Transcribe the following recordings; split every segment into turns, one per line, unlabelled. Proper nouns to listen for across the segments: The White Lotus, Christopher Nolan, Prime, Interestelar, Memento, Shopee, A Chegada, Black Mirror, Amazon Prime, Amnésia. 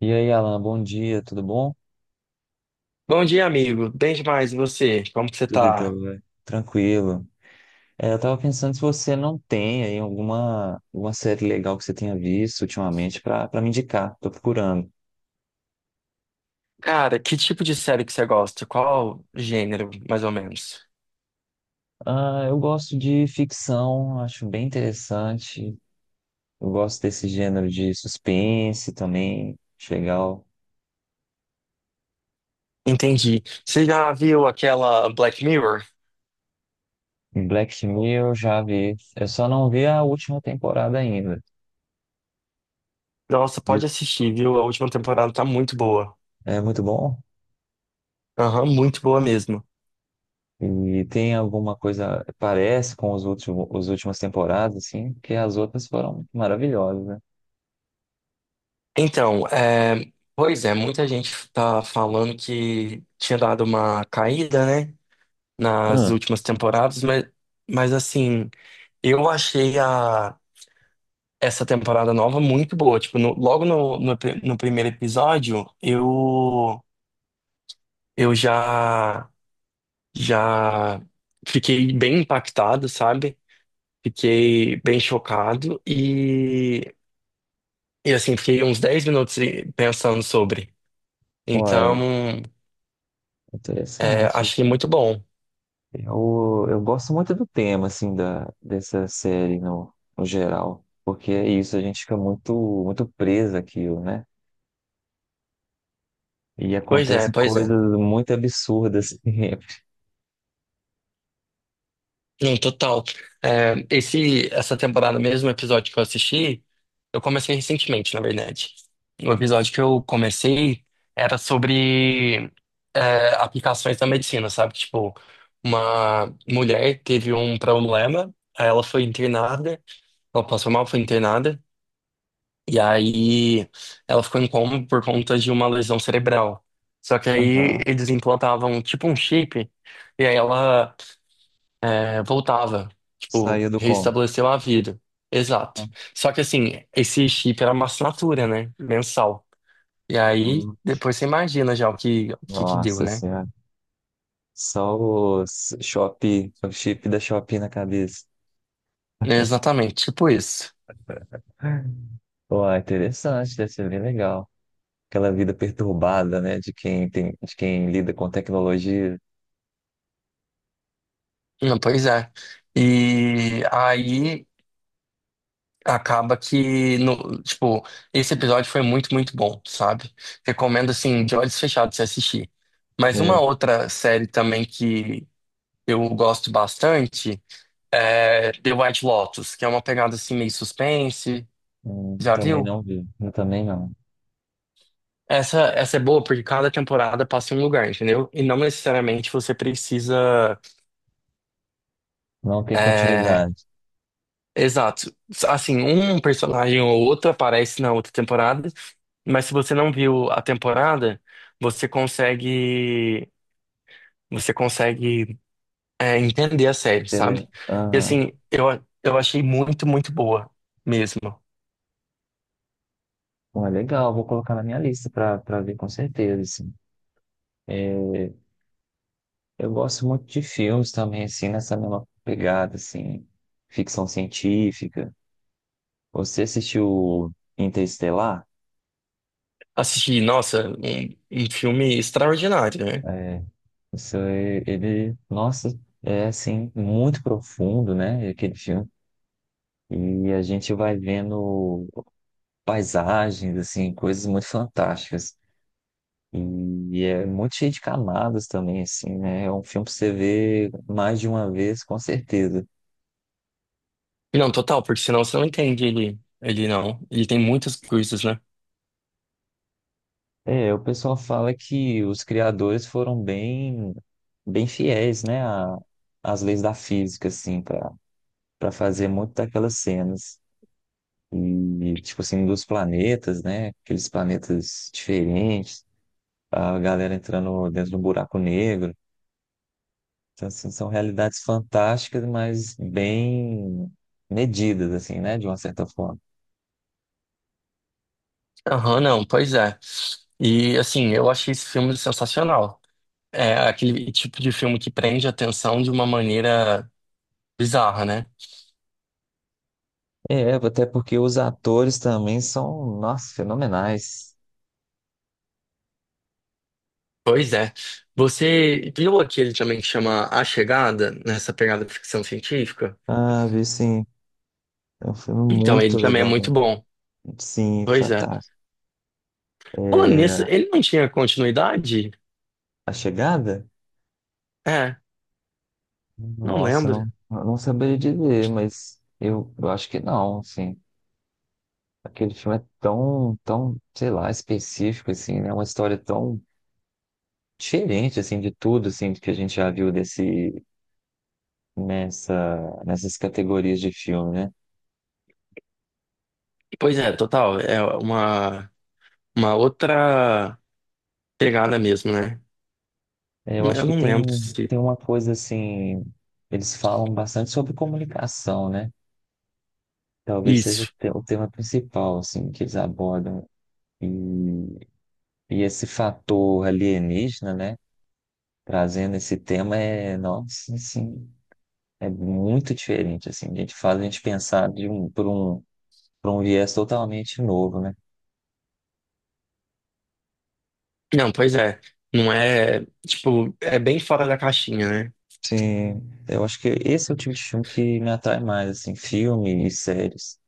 E aí, Alan, bom dia, tudo bom?
Bom dia, amigo. Bem demais, e você? Como que você
Tudo
tá?
jóia, tranquilo. Eu tava pensando se você não tem aí alguma série legal que você tenha visto ultimamente para me indicar, tô procurando.
Cara, que tipo de série que você gosta? Qual gênero, mais ou menos?
Ah, eu gosto de ficção, acho bem interessante. Eu gosto desse gênero de suspense também, acho legal.
Entendi. Você já viu aquela Black Mirror?
Em Black Mirror eu já vi, eu só não vi a última temporada ainda.
Nossa,
De-
pode assistir, viu? A última temporada tá muito boa.
É muito bom?
Aham, muito boa mesmo.
E tem alguma coisa, parece com os últimas temporadas, assim, que as outras foram maravilhosas, né?
Então, pois é, muita gente tá falando que tinha dado uma caída, né? Nas
Ah,
últimas temporadas, mas assim, eu achei a essa temporada nova muito boa. Tipo, logo no primeiro episódio, eu já fiquei bem impactado, sabe? Fiquei bem chocado e assim, fiquei uns 10 minutos pensando sobre.
olha,
Então,
interessante.
achei muito bom.
Eu gosto muito do tema, assim, dessa série no geral, porque é isso, a gente fica muito preso àquilo, né? E
Pois é,
acontecem
pois é.
coisas muito absurdas, assim,
Não, total. Essa temporada mesmo, o episódio que eu assisti, eu comecei recentemente, na verdade. O episódio que eu comecei era sobre aplicações da medicina, sabe? Tipo, uma mulher teve um problema, aí ela foi internada, ela passou mal, foi internada, e aí ela ficou em coma por conta de uma lesão cerebral. Só que aí
aham.
eles implantavam tipo um chip, e aí ela voltava, tipo,
Saiu do como.
reestabeleceu a vida. Exato. Só que assim, esse chip era uma assinatura, né? Mensal. E aí,
Hum,
depois você imagina já o que que deu,
Nossa
né?
senhora, só o Shopee, o chip da Shopee na cabeça.
É, exatamente, tipo isso.
Pô, é interessante, deve ser bem legal. Aquela vida perturbada, né, de quem tem, de quem lida com tecnologia.
Não, pois é. E aí acaba que, no, tipo, esse episódio foi muito, muito bom, sabe? Recomendo, assim, de olhos fechados você assistir. Mas
É.
uma outra série também que eu gosto bastante The White Lotus, que é uma pegada assim meio suspense. Já
Também
viu?
não vi, eu também não.
Essa é boa porque cada temporada passa em um lugar, entendeu? E não necessariamente você precisa.
Não tem
é,
continuidade.
Exato. Assim, um personagem ou outro aparece na outra temporada, mas se você não viu a temporada, você consegue. Você consegue, entender a série, sabe?
Entendeu?
E
Aham.
assim, eu achei muito, muito boa mesmo.
Bom, é legal, vou colocar na minha lista para ver com certeza, assim. Eu gosto muito de filmes também, assim, nessa mesma pegada, assim, ficção científica. Você assistiu Interestelar?
Assisti, nossa, um filme extraordinário, né?
É, isso, ele, nossa, é assim, muito profundo, né? Aquele filme. E a gente vai vendo paisagens, assim, coisas muito fantásticas. E é muito cheio de camadas também, assim, né? É um filme que você vê mais de uma vez, com certeza.
Não, total, porque senão você não entende ele, ele não. Ele tem muitas coisas, né?
É, o pessoal fala que os criadores foram bem fiéis, né, às leis da física, assim, para fazer muito daquelas cenas. E, tipo assim, dos planetas, né? Aqueles planetas diferentes, a galera entrando dentro do buraco negro. Então, assim, são realidades fantásticas, mas bem medidas, assim, né? De uma certa forma.
Aham, não, pois é. E assim, eu achei esse filme sensacional. É aquele tipo de filme que prende a atenção de uma maneira bizarra, né?
É, até porque os atores também são, nossa, fenomenais.
Pois é. Você viu aquele também que chama A Chegada, nessa pegada de ficção científica?
Sabe, assim, é um filme
Então, ele
muito
também é
legal,
muito
né?
bom.
Sim,
Pois é.
fantástico.
Falando nisso,
É,
ele não tinha continuidade?
A Chegada?
É, não
Nossa,
lembro.
não, eu não saberia dizer, mas eu acho que não, assim. Aquele filme é tão, sei lá, específico, assim, né? Uma história tão diferente, assim, de tudo, assim, que a gente já viu desse nessa, nessas categorias de filme, né?
Pois é, total. É uma outra pegada mesmo, né?
É, eu acho
Eu
que
não lembro se.
tem uma coisa assim, eles falam bastante sobre comunicação, né? Talvez seja o
Isso.
o tema principal, assim, que eles abordam. E, e esse fator alienígena, né? Trazendo esse tema é, nossa, assim, é muito diferente, assim. A gente faz a gente pensar por um viés totalmente novo, né?
Não, pois é. Não é. Tipo, é bem fora da caixinha, né?
Sim, eu acho que esse é o tipo de filme que me atrai mais, assim, filme e séries.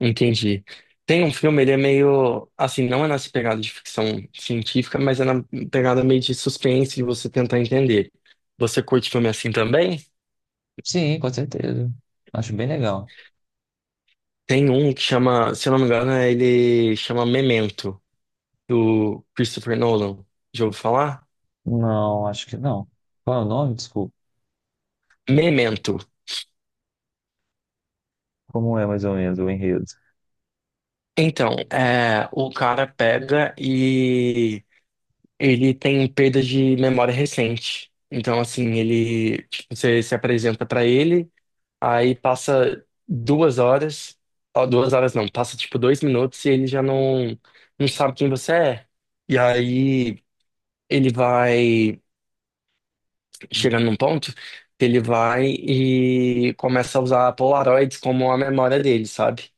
Entendi. Tem um filme, ele é meio. Assim, não é nessa pegada de ficção científica, mas é na pegada meio de suspense de você tentar entender. Você curte filme assim também?
Sim, com certeza. Acho bem legal.
Tem um que chama. Se eu não me engano, ele chama Memento, do Christopher Nolan. Já ouviu falar?
Não, acho que não. Qual é o nome? Desculpa.
Memento.
Como é mais ou menos o enredo?
Então, o cara pega e ele tem perda de memória recente. Então, assim, ele, tipo, você se apresenta pra ele, aí passa 2 horas, ó, 2 horas não, passa tipo 2 minutos e ele já não sabe quem você é. E aí ele vai chegando num ponto que ele vai e começa a usar Polaroids como a memória dele, sabe?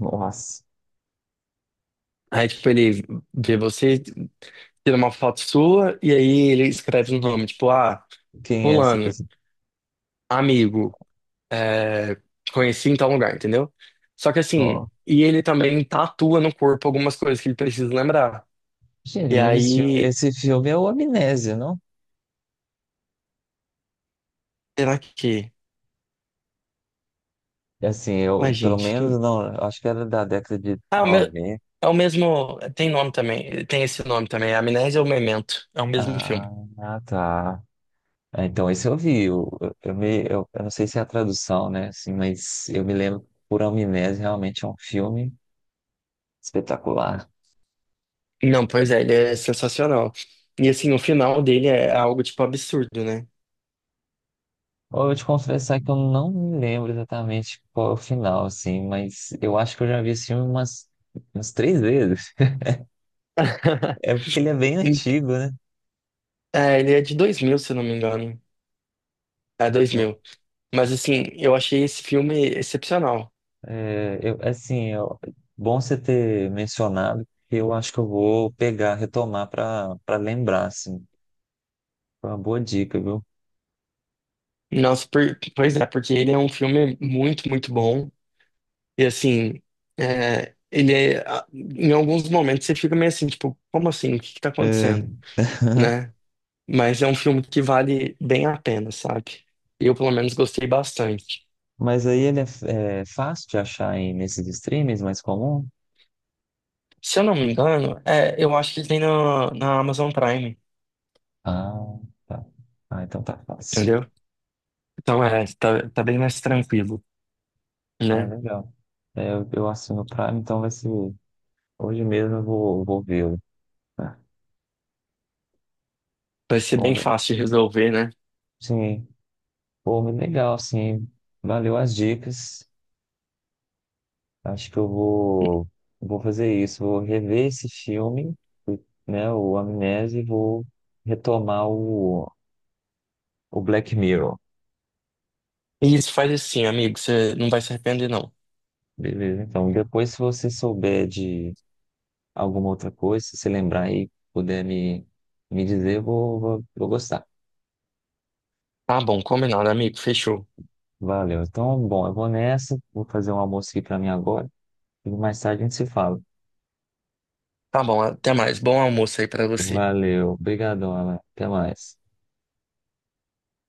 Nossa,
Aí, tipo, ele vê você, tira uma foto sua e aí ele escreve um nome, tipo, ah,
quem é essa
fulano,
pessoa?
amigo, é, te conheci em tal lugar, entendeu? Só que assim,
Ó,
e ele também tatua no corpo algumas coisas que ele precisa lembrar.
gente,
E
mas
aí,
esse filme é o Amnésia, não?
será que.
É assim,
Ué,
eu, pelo
gente.
menos, não, eu acho que era da década de
Ah,
noventa.
é o mesmo. Tem nome também. Tem esse nome também. Amnésia ou Memento. É o mesmo
Ah,
filme.
ah, tá. É, então, esse eu vi. Eu não sei se é a tradução, né? Assim, mas eu me lembro por Amnésia, realmente é um filme espetacular.
Não, pois é, ele é sensacional. E assim, o final dele é algo tipo absurdo, né?
Eu vou te confessar que eu não me lembro exatamente qual é o final, assim, mas eu acho que eu já vi esse filme umas três vezes. É porque ele é bem
Em-
antigo, né?
É, ele é de 2000 se eu não me engano. É dois
Eu,
mil, Mas assim, eu achei esse filme excepcional.
é, eu- assim, eu- Bom você ter mencionado, que eu acho que eu vou pegar, retomar para lembrar, assim. Foi uma boa dica, viu?
Nossa, pois é, porque ele é um filme muito, muito bom. E assim, em alguns momentos você fica meio assim, tipo, como assim? O que que tá
É.
acontecendo? Né? Mas é um filme que vale bem a pena, sabe? Eu, pelo menos, gostei bastante.
Mas aí ele é fácil de achar aí nesses streams mais comum?
Se eu não me engano, eu acho que ele tem na Amazon Prime,
Ah, tá. Ah, então tá fácil.
entendeu? Então tá bem mais tranquilo,
Ah,
né?
legal. É, eu assino o Prime, então vai ser. Hoje mesmo eu vou vê-lo. Né?
Vai ser
Bom,
bem
né?
fácil de resolver, né?
Sim. Pô, muito legal, sim. Valeu as dicas. Acho que vou fazer isso. Vou rever esse filme, né? O Amnésia, e vou retomar o Black Mirror.
E isso faz assim, amigo. Você não vai se arrepender, não.
Beleza? Então, depois, se você souber de alguma outra coisa, se você lembrar aí, puder me dizer, eu vou gostar.
Tá bom, combinado, amigo. Fechou.
Valeu. Então, bom, eu vou nessa. Vou fazer um almoço aqui para mim agora. E mais tarde a gente se fala.
Tá bom, até mais. Bom almoço aí pra você.
Valeu. Obrigadão, Alan. Até mais.